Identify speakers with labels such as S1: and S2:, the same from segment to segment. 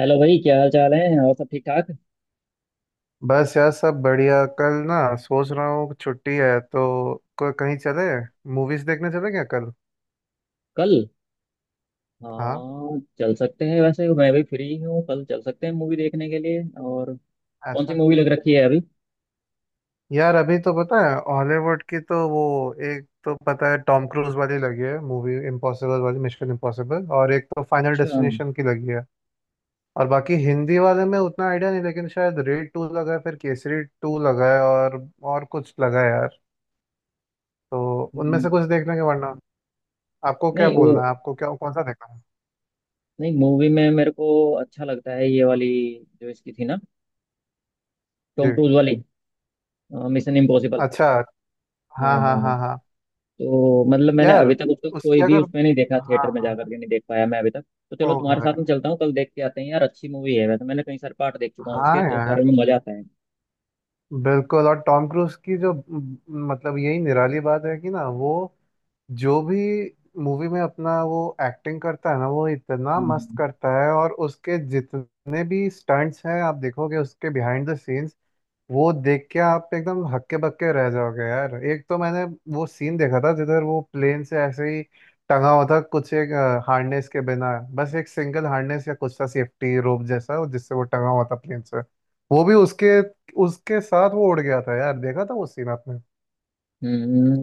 S1: Hello भाई, क्या हाल चाल है। और सब ठीक ठाक।
S2: बस यार सब बढ़िया। कल ना सोच रहा हूँ छुट्टी है तो कहीं चले, मूवीज देखने चले क्या कल?
S1: कल?
S2: हाँ।
S1: हाँ, चल सकते हैं वैसे, मैं भी फ्री हूँ कल, चल सकते हैं मूवी देखने के लिए। और कौन सी
S2: अच्छा,
S1: मूवी लग रखी है अभी?
S2: यार अभी तो पता है हॉलीवुड की तो वो, एक तो पता है टॉम क्रूज वाली लगी है मूवी, इम्पॉसिबल वाली, मिशन इम्पॉसिबल, और एक तो फाइनल
S1: अच्छा।
S2: डेस्टिनेशन की लगी है। और बाकी हिंदी वाले में उतना आइडिया नहीं, लेकिन शायद रेड टू लगा है, फिर केसरी टू लगा है और कुछ लगा है यार। तो उनमें
S1: हम्म,
S2: से कुछ देख लेंगे, वरना आपको क्या
S1: नहीं वो,
S2: बोलना है, आपको क्या कौन सा देखना है?
S1: नहीं मूवी में मेरे को अच्छा लगता है ये वाली, जो इसकी थी ना, टॉम
S2: जी।
S1: क्रूज वाली, मिशन इम्पॉसिबल।
S2: अच्छा।
S1: हाँ
S2: हाँ
S1: हाँ
S2: हाँ
S1: हाँ।
S2: हाँ हाँ।
S1: तो मतलब मैंने
S2: यार
S1: अभी तक उसको
S2: उसकी
S1: कोई भी
S2: अगर,
S1: उसमें नहीं देखा,
S2: हाँ
S1: थिएटर में
S2: हाँ
S1: जाकर के नहीं देख पाया मैं अभी तक। तो चलो, तुम्हारे
S2: ओवर
S1: साथ
S2: है।
S1: में चलता हूँ कल, देख के आते हैं। यार अच्छी मूवी है वैसे, मैंने कई सारे पार्ट देख चुका हूँ
S2: हाँ
S1: उसके, तो सारे
S2: यार
S1: में मजा आता है।
S2: बिल्कुल। और टॉम क्रूज की जो मतलब यही निराली बात है कि ना वो जो भी मूवी में अपना वो एक्टिंग करता है ना, वो इतना मस्त
S1: हम्म
S2: करता है, और उसके जितने भी स्टंट्स हैं आप देखोगे उसके बिहाइंड द सीन्स, वो देख के आप एकदम हक्के बक्के रह जाओगे यार। एक तो मैंने वो सीन देखा था जिधर वो प्लेन से ऐसे ही टंगा हुआ था, कुछ एक हार्नेस के बिना, बस एक सिंगल हार्नेस या कुछ था सेफ्टी रोप जैसा, जिससे वो टंगा हुआ था प्लेन से। वो भी उसके उसके साथ वो उड़ गया था यार। देखा था वो सीन आपने?
S1: हम्म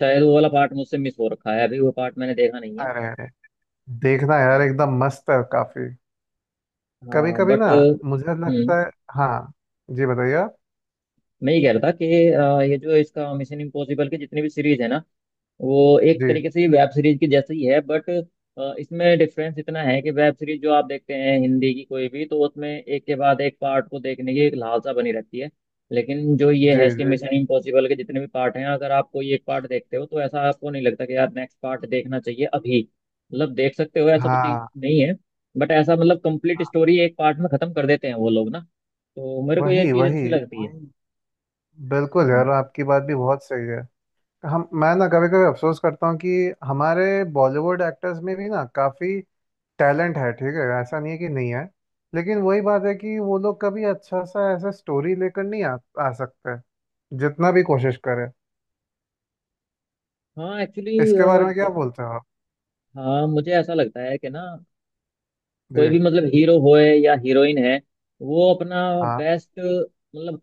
S1: शायद वो वाला पार्ट मुझसे मिस हो रखा है, अभी वो पार्ट मैंने देखा नहीं है।
S2: अरे अरे, देखना यार,
S1: तो,
S2: एकदम मस्त है काफी। कभी
S1: हाँ
S2: कभी
S1: बट
S2: ना मुझे लगता है। हाँ जी, बताइए आप।
S1: मैं ये कह रहा था कि ये जो इसका मिशन इम्पॉसिबल की जितनी भी सीरीज है ना, वो एक
S2: जी
S1: तरीके से ये वेब सीरीज की जैसे ही है, बट इसमें डिफरेंस इतना है कि वेब सीरीज जो आप देखते हैं हिंदी की कोई भी, तो उसमें एक के बाद एक पार्ट को देखने की एक लालसा बनी रहती है। लेकिन जो ये
S2: जी
S1: है, इसके
S2: जी।
S1: मिशन इम्पॉसिबल के जितने भी पार्ट हैं, अगर आप कोई एक पार्ट देखते हो तो ऐसा आपको नहीं लगता कि यार नेक्स्ट पार्ट देखना चाहिए अभी। मतलब देख सकते हो, ऐसा कुछ
S2: हाँ
S1: नहीं है। बट ऐसा, मतलब कंप्लीट
S2: हाँ,
S1: स्टोरी एक पार्ट में खत्म कर देते हैं वो लोग ना। तो मेरे को ये
S2: वही
S1: चीज़
S2: वही
S1: अच्छी लगती है।
S2: वही। बिल्कुल यार,
S1: हम्म।
S2: आपकी बात भी बहुत सही है। हम, मैं ना कभी कभी अफसोस करता हूँ कि हमारे बॉलीवुड एक्टर्स में भी ना काफ़ी टैलेंट है, ठीक है, ऐसा नहीं है कि नहीं है, लेकिन वही बात है कि वो लोग कभी अच्छा सा ऐसा स्टोरी लेकर नहीं आ सकते जितना भी कोशिश करें।
S1: हाँ एक्चुअली,
S2: इसके बारे में क्या बोलते हो आप?
S1: हाँ मुझे ऐसा लगता है कि ना,
S2: जी।
S1: कोई भी मतलब हीरो होए या हीरोइन है, वो अपना
S2: हाँ।
S1: बेस्ट, मतलब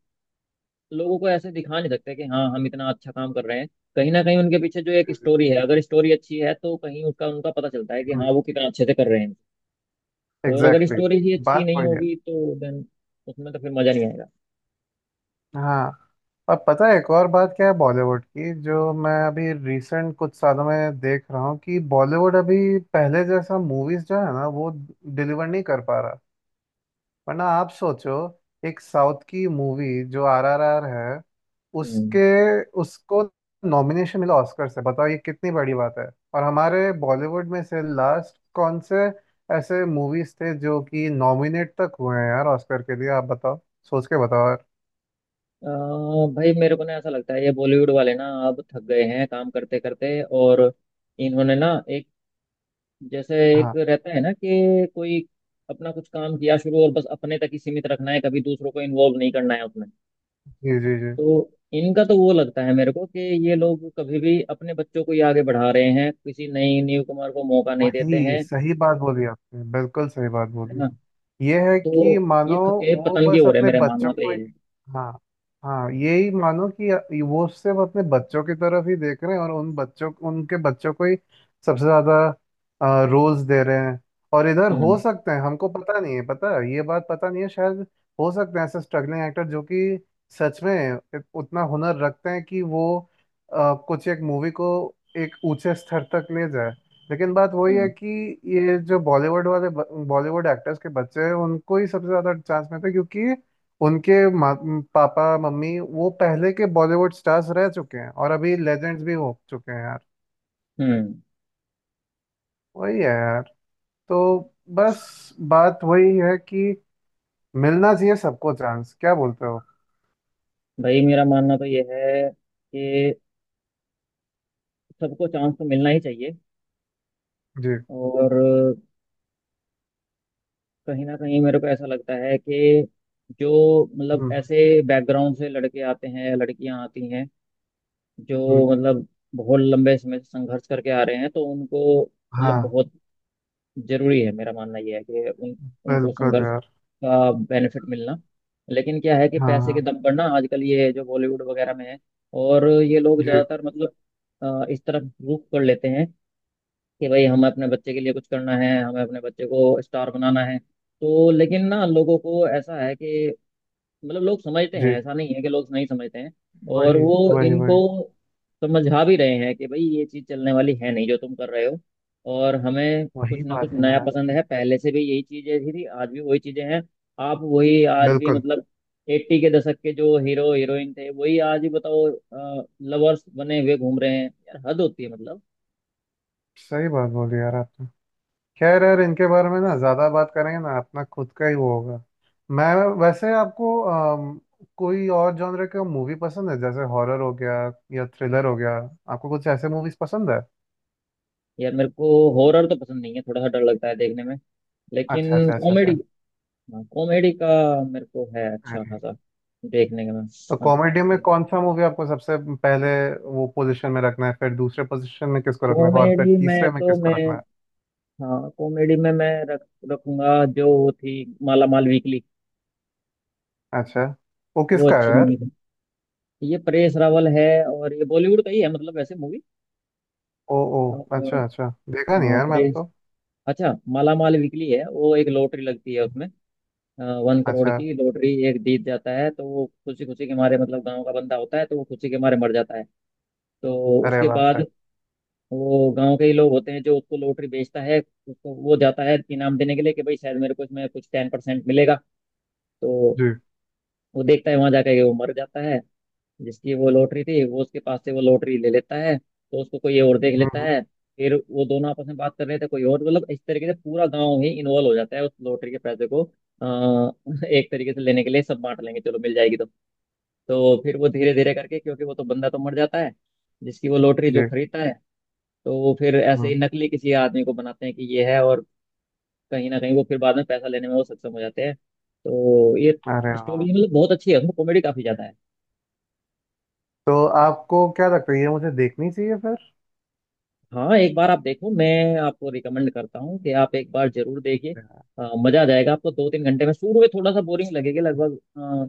S1: लोगों को ऐसे दिखा नहीं सकते कि हाँ हम इतना अच्छा काम कर रहे हैं। कहीं ना कहीं उनके पीछे जो एक
S2: जी
S1: स्टोरी है, अगर स्टोरी अच्छी है तो कहीं उसका उनका पता चलता है कि
S2: जी
S1: हाँ वो कितना अच्छे से कर रहे हैं। और अगर
S2: एग्जैक्टली।
S1: स्टोरी ही अच्छी
S2: बात
S1: नहीं
S2: वही है।
S1: होगी तो देन उसमें तो फिर मजा नहीं आएगा।
S2: हाँ। और पता है एक और बात क्या है बॉलीवुड की, जो मैं अभी रिसेंट कुछ सालों में देख रहा हूँ कि बॉलीवुड अभी पहले जैसा मूवीज जो है ना वो डिलीवर नहीं कर पा रहा। वरना आप सोचो, एक साउथ की मूवी जो आरआरआर है
S1: हम्म
S2: उसके उसको नॉमिनेशन मिला ऑस्कर से, बताओ ये कितनी बड़ी बात है। और हमारे बॉलीवुड में से लास्ट कौन से ऐसे मूवीज थे जो कि नॉमिनेट तक हुए हैं यार ऑस्कर के लिए, आप बताओ, सोच के बताओ यार।
S1: अ, भाई मेरे को ना ऐसा लगता है, ये बॉलीवुड वाले ना अब थक गए हैं काम करते करते। और इन्होंने ना एक, जैसे एक
S2: हाँ।
S1: रहता है ना कि कोई अपना कुछ काम किया शुरू, और बस अपने तक ही सीमित रखना है, कभी दूसरों को इन्वॉल्व नहीं करना है उसमें।
S2: जी जी जी,
S1: तो इनका तो वो लगता है मेरे को कि ये लोग कभी भी अपने बच्चों को ही आगे बढ़ा रहे हैं, किसी नई न्यू कुमार को मौका नहीं देते
S2: वही,
S1: हैं।
S2: सही बात बोली आपने, बिल्कुल सही बात
S1: है
S2: बोली।
S1: ना?
S2: ये है कि
S1: तो
S2: मानो
S1: ये
S2: वो
S1: पतंगे
S2: बस
S1: हो रहे हैं,
S2: अपने
S1: मेरा
S2: बच्चों
S1: मानना तो
S2: को
S1: ये
S2: एक,
S1: है।
S2: हाँ हाँ यही मानो कि वो सिर्फ अपने बच्चों की तरफ ही देख रहे हैं, और उन बच्चों उनके बच्चों को ही सबसे ज्यादा रोल्स दे रहे हैं। और इधर
S1: हम्म
S2: हो सकते हैं, हमको पता नहीं है, पता है, ये बात पता नहीं है, शायद हो सकते हैं ऐसे स्ट्रगलिंग एक्टर जो कि सच में उतना हुनर रखते हैं कि वो कुछ एक मूवी को एक ऊंचे स्तर तक ले जाए, लेकिन बात वही है
S1: हम्म
S2: कि ये जो बॉलीवुड वाले बॉलीवुड एक्टर्स के बच्चे हैं उनको ही सबसे ज्यादा चांस मिलता है, क्योंकि उनके मा- पापा मम्मी वो पहले के बॉलीवुड स्टार्स रह चुके हैं और अभी लेजेंड्स भी हो चुके हैं यार।
S1: हम्म
S2: वही है यार। तो बस बात वही है कि मिलना चाहिए सबको चांस, क्या बोलते हो?
S1: भाई मेरा मानना तो ये है कि सबको चांस तो मिलना ही चाहिए।
S2: जी।
S1: और कहीं ना कहीं मेरे को ऐसा लगता है कि जो मतलब
S2: हम्म हम्म,
S1: ऐसे बैकग्राउंड से लड़के आते हैं या लड़कियां आती हैं,
S2: हम्म,
S1: जो मतलब बहुत लंबे समय से संघर्ष करके आ रहे हैं, तो उनको मतलब
S2: हाँ
S1: बहुत जरूरी है, मेरा मानना ये है कि उन उनको
S2: बिल्कुल
S1: संघर्ष
S2: यार।
S1: का बेनिफिट मिलना। लेकिन क्या है कि
S2: हाँ
S1: पैसे
S2: हाँ।
S1: के दम पर ना आजकल ये जो बॉलीवुड वगैरह में है, और ये लोग
S2: जी
S1: ज्यादातर मतलब इस तरफ रुख कर लेते हैं कि भाई हमें अपने बच्चे के लिए कुछ करना है, हमें अपने बच्चे को स्टार बनाना है। तो लेकिन ना लोगों को ऐसा है कि, मतलब लोग समझते
S2: जी।
S1: हैं, ऐसा नहीं है कि लोग नहीं समझते हैं। और
S2: वही
S1: वो
S2: वही
S1: इनको
S2: वही।
S1: समझा भी रहे हैं कि भाई ये चीज़ चलने वाली है नहीं जो तुम कर रहे हो। और हमें
S2: वही
S1: कुछ ना कुछ
S2: बात है
S1: नया
S2: यार।
S1: पसंद है, पहले से भी यही चीज़ें थी आज भी वही चीज़ें हैं। आप वही आज भी,
S2: बिल्कुल
S1: मतलब 80 के दशक के जो हीरो हीरोइन थे वही आज भी, बताओ, लवर्स बने हुए घूम रहे हैं यार, हद होती है मतलब।
S2: सही बात बोली यार आपने। खैर यार इनके बारे में ना ज्यादा बात करेंगे ना अपना खुद का ही वो होगा। मैं, वैसे आपको कोई और जॉनर का मूवी पसंद है, जैसे हॉरर हो गया या थ्रिलर हो गया, आपको कुछ ऐसे मूवीज पसंद है?
S1: यार मेरे को हॉरर तो पसंद नहीं है, थोड़ा सा डर लगता है देखने में,
S2: अच्छा
S1: लेकिन
S2: अच्छा अच्छा
S1: कॉमेडी,
S2: अच्छा।
S1: हाँ कॉमेडी का मेरे को है अच्छा
S2: अरे,
S1: खासा देखने का। मैं,
S2: तो कॉमेडी में कौन सा मूवी आपको सबसे पहले वो पोजीशन में रखना है, फिर दूसरे पोजीशन में किसको रखना है, और फिर
S1: कॉमेडी में
S2: तीसरे में
S1: तो मैं,
S2: किसको रखना है?
S1: हाँ कॉमेडी में मैं रख रखूंगा जो वो थी, माला माल वीकली।
S2: अच्छा, वो
S1: वो
S2: किसका है
S1: अच्छी मूवी
S2: यार?
S1: थी। ये परेश रावल है और ये बॉलीवुड का ही है मतलब, वैसे मूवी।
S2: ओ ओ, अच्छा अच्छा, देखा नहीं यार मैंने
S1: परेश,
S2: तो।
S1: अच्छा माला माल वीकली है, वो एक लॉटरी लगती है, 1 करोड़
S2: अच्छा।
S1: की लॉटरी, एक जीत जाता है तो वो खुशी खुशी के मारे, मतलब गांव का बंदा होता है तो वो खुशी के मारे मर जाता है। तो
S2: अरे
S1: उसके
S2: बाप
S1: बाद
S2: रे।
S1: वो गांव के ही लोग होते हैं, जो उसको लॉटरी बेचता है, उसको वो जाता है इनाम देने के लिए कि भाई शायद मेरे को इसमें कुछ 10% मिलेगा। तो
S2: जी।
S1: वो देखता है वहां जाकर के वो मर जाता है, जिसकी वो लॉटरी थी, वो उसके पास से वो लॉटरी ले लेता है, तो उसको कोई और देख
S2: हम्म
S1: लेता
S2: हम्म,
S1: है। फिर वो दोनों आपस में बात कर रहे थे, कोई और मतलब इस तरीके से पूरा गांव ही इन्वॉल्व हो जाता है उस लॉटरी के पैसे को एक तरीके से लेने के लिए। सब बांट लेंगे, चलो मिल जाएगी। तो फिर वो धीरे धीरे करके, क्योंकि वो तो बंदा तो मर जाता है जिसकी वो लॉटरी,
S2: जी।
S1: जो खरीदता है, तो वो फिर ऐसे ही
S2: हम्म।
S1: नकली किसी आदमी को बनाते हैं कि ये है। और कहीं ना कहीं वो फिर बाद में पैसा लेने में वो सक्षम हो जाते हैं। तो ये
S2: अरे वाह।
S1: स्टोरी मतलब बहुत अच्छी है, उसमें कॉमेडी काफी ज्यादा है।
S2: तो आपको क्या लगता है ये मुझे देखनी चाहिए फिर?
S1: हाँ एक बार आप देखो, मैं आपको रिकमेंड करता हूँ कि आप एक बार जरूर देखिए। मजा आ जाएगा आपको 2-3 घंटे में। शुरू में थोड़ा सा बोरिंग लगेगी, लगभग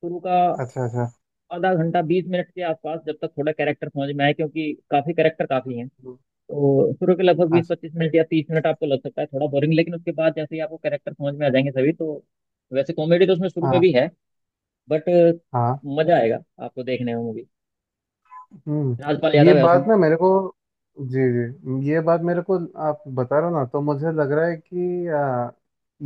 S1: शुरू का
S2: अच्छा अच्छा
S1: आधा घंटा 20 मिनट के आसपास, जब तक थोड़ा कैरेक्टर समझ में आए, क्योंकि काफी कैरेक्टर काफी हैं। तो शुरू के लगभग बीस
S2: अच्छा।
S1: पच्चीस मिनट या 30 मिनट आपको लग सकता है थोड़ा बोरिंग, लेकिन उसके बाद जैसे ही आपको कैरेक्टर समझ में आ जाएंगे सभी तो, वैसे कॉमेडी तो उसमें शुरू में
S2: हाँ।
S1: भी है बट,
S2: हाँ।
S1: मजा आएगा आपको देखने में मूवी।
S2: हम्म।
S1: राजपाल
S2: ये
S1: यादव है उसमें।
S2: बात ना मेरे को, जी जी ये बात मेरे को आप बता रहे हो ना तो मुझे लग रहा है कि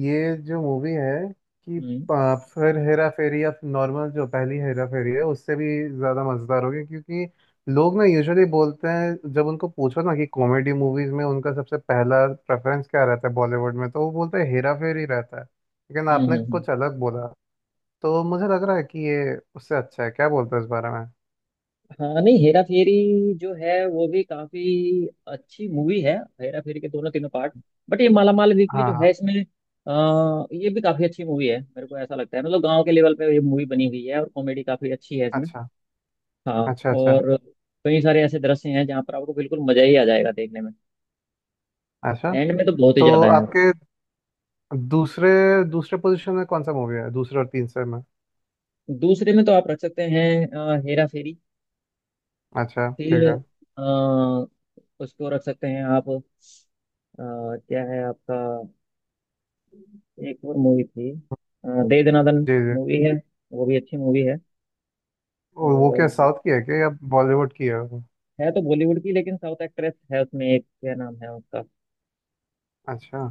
S2: ये जो मूवी है कि
S1: हम्म
S2: फिर हेरा फेरी या नॉर्मल जो पहली हेरा फेरी है उससे भी ज़्यादा मज़ेदार होगी, क्योंकि लोग ना यूजुअली बोलते हैं जब उनको पूछो ना कि कॉमेडी मूवीज़ में उनका सबसे पहला प्रेफरेंस क्या रहता है बॉलीवुड में, तो वो बोलते हैं हेरा फेरी रहता है, लेकिन
S1: हम्म
S2: आपने
S1: हम्म हम्म।
S2: कुछ अलग बोला। तो मुझे लग रहा है कि ये उससे अच्छा है, क्या बोलते हो इस बारे में?
S1: हाँ नहीं, हेरा फेरी जो है वो भी काफी अच्छी मूवी है, हेरा फेरी के दोनों तीनों पार्ट। बट ये माला माल वीकली
S2: हाँ
S1: जो है
S2: हाँ।
S1: इसमें, ये भी काफी अच्छी मूवी है, मेरे को ऐसा लगता है। मतलब गांव के लेवल पे ये मूवी बनी हुई है, और कॉमेडी काफी अच्छी है इसमें।
S2: अच्छा
S1: हाँ।
S2: अच्छा अच्छा
S1: और कई सारे ऐसे दृश्य हैं जहाँ पर आपको बिल्कुल मजा ही आ जाएगा देखने में,
S2: अच्छा।
S1: एंड में तो बहुत ही
S2: तो
S1: ज्यादा
S2: हाँ,
S1: है।
S2: आपके दूसरे दूसरे पोजीशन में कौन सा मूवी है, दूसरे और तीसरे में?
S1: दूसरे में तो आप रख सकते हैं हेरा फेरी।
S2: अच्छा ठीक
S1: फिर
S2: है।
S1: अ, उसको रख सकते हैं आप, क्या है आपका, एक और मूवी थी, दे दनादन
S2: जी जी।
S1: मूवी है, वो भी अच्छी मूवी है।
S2: वो क्या
S1: और
S2: साउथ की है क्या या बॉलीवुड की है वो?
S1: है तो बॉलीवुड की लेकिन साउथ एक्ट्रेस है उसमें एक, क्या नाम है उसका,
S2: अच्छा।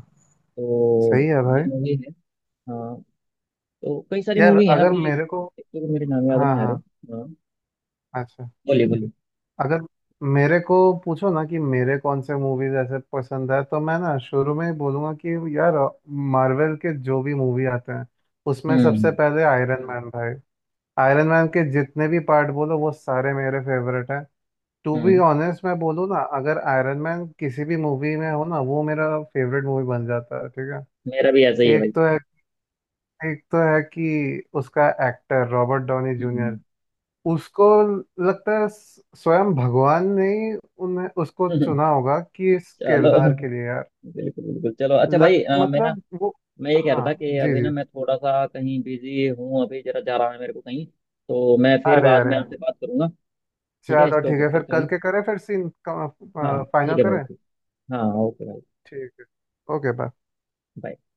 S1: तो
S2: सही है
S1: ये
S2: भाई।
S1: मूवी है। हाँ। तो कई सारी
S2: यार
S1: मूवी हैं
S2: अगर
S1: अभी, एक,
S2: मेरे को,
S1: एक तो मेरे नाम याद
S2: हाँ
S1: नहीं आ रहे।
S2: हाँ।
S1: हाँ,
S2: अच्छा।
S1: बोलिए बोलिए।
S2: अगर मेरे को पूछो ना कि मेरे कौन से मूवीज ऐसे पसंद है, तो मैं ना शुरू में ही बोलूंगा कि यार मार्वल के जो भी मूवी आते हैं उसमें
S1: हम्म
S2: सबसे
S1: हम्म
S2: पहले आयरन मैन भाई। आयरन मैन के जितने भी पार्ट बोलो वो सारे मेरे फेवरेट हैं। टू बी
S1: हम्म,
S2: ऑनेस्ट मैं बोलूँ ना, अगर आयरन मैन किसी भी मूवी में हो ना वो मेरा फेवरेट मूवी बन जाता है। ठीक है।
S1: मेरा भी ऐसा ही है भाई।
S2: एक तो है, एक तो है कि उसका actor Robert Downey
S1: hmm
S2: junior, उसको लगता है स्वयं भगवान ने ही उन्हें उसको
S1: हम्म,
S2: चुना होगा कि इस किरदार
S1: चलो,
S2: के लिए यार।
S1: बिल्कुल बिल्कुल। चलो अच्छा भाई,
S2: लग मतलब वो,
S1: मैं ये कह रहा
S2: हाँ
S1: था कि
S2: जी
S1: अभी ना
S2: जी।
S1: मैं थोड़ा सा कहीं बिजी हूँ, अभी जरा जा रहा है मेरे को कहीं। तो मैं फिर
S2: अरे
S1: बाद में
S2: अरे,
S1: आपसे बात करूंगा। ठीक है,
S2: चलो
S1: स्टॉप
S2: ठीक है,
S1: करते
S2: फिर
S1: हैं
S2: कल
S1: अभी।
S2: के करें, फिर सीन
S1: हाँ
S2: फाइनल
S1: ठीक है भाई,
S2: करें।
S1: ठीक। हाँ ओके भाई।
S2: ठीक है। Okay bye.
S1: bye।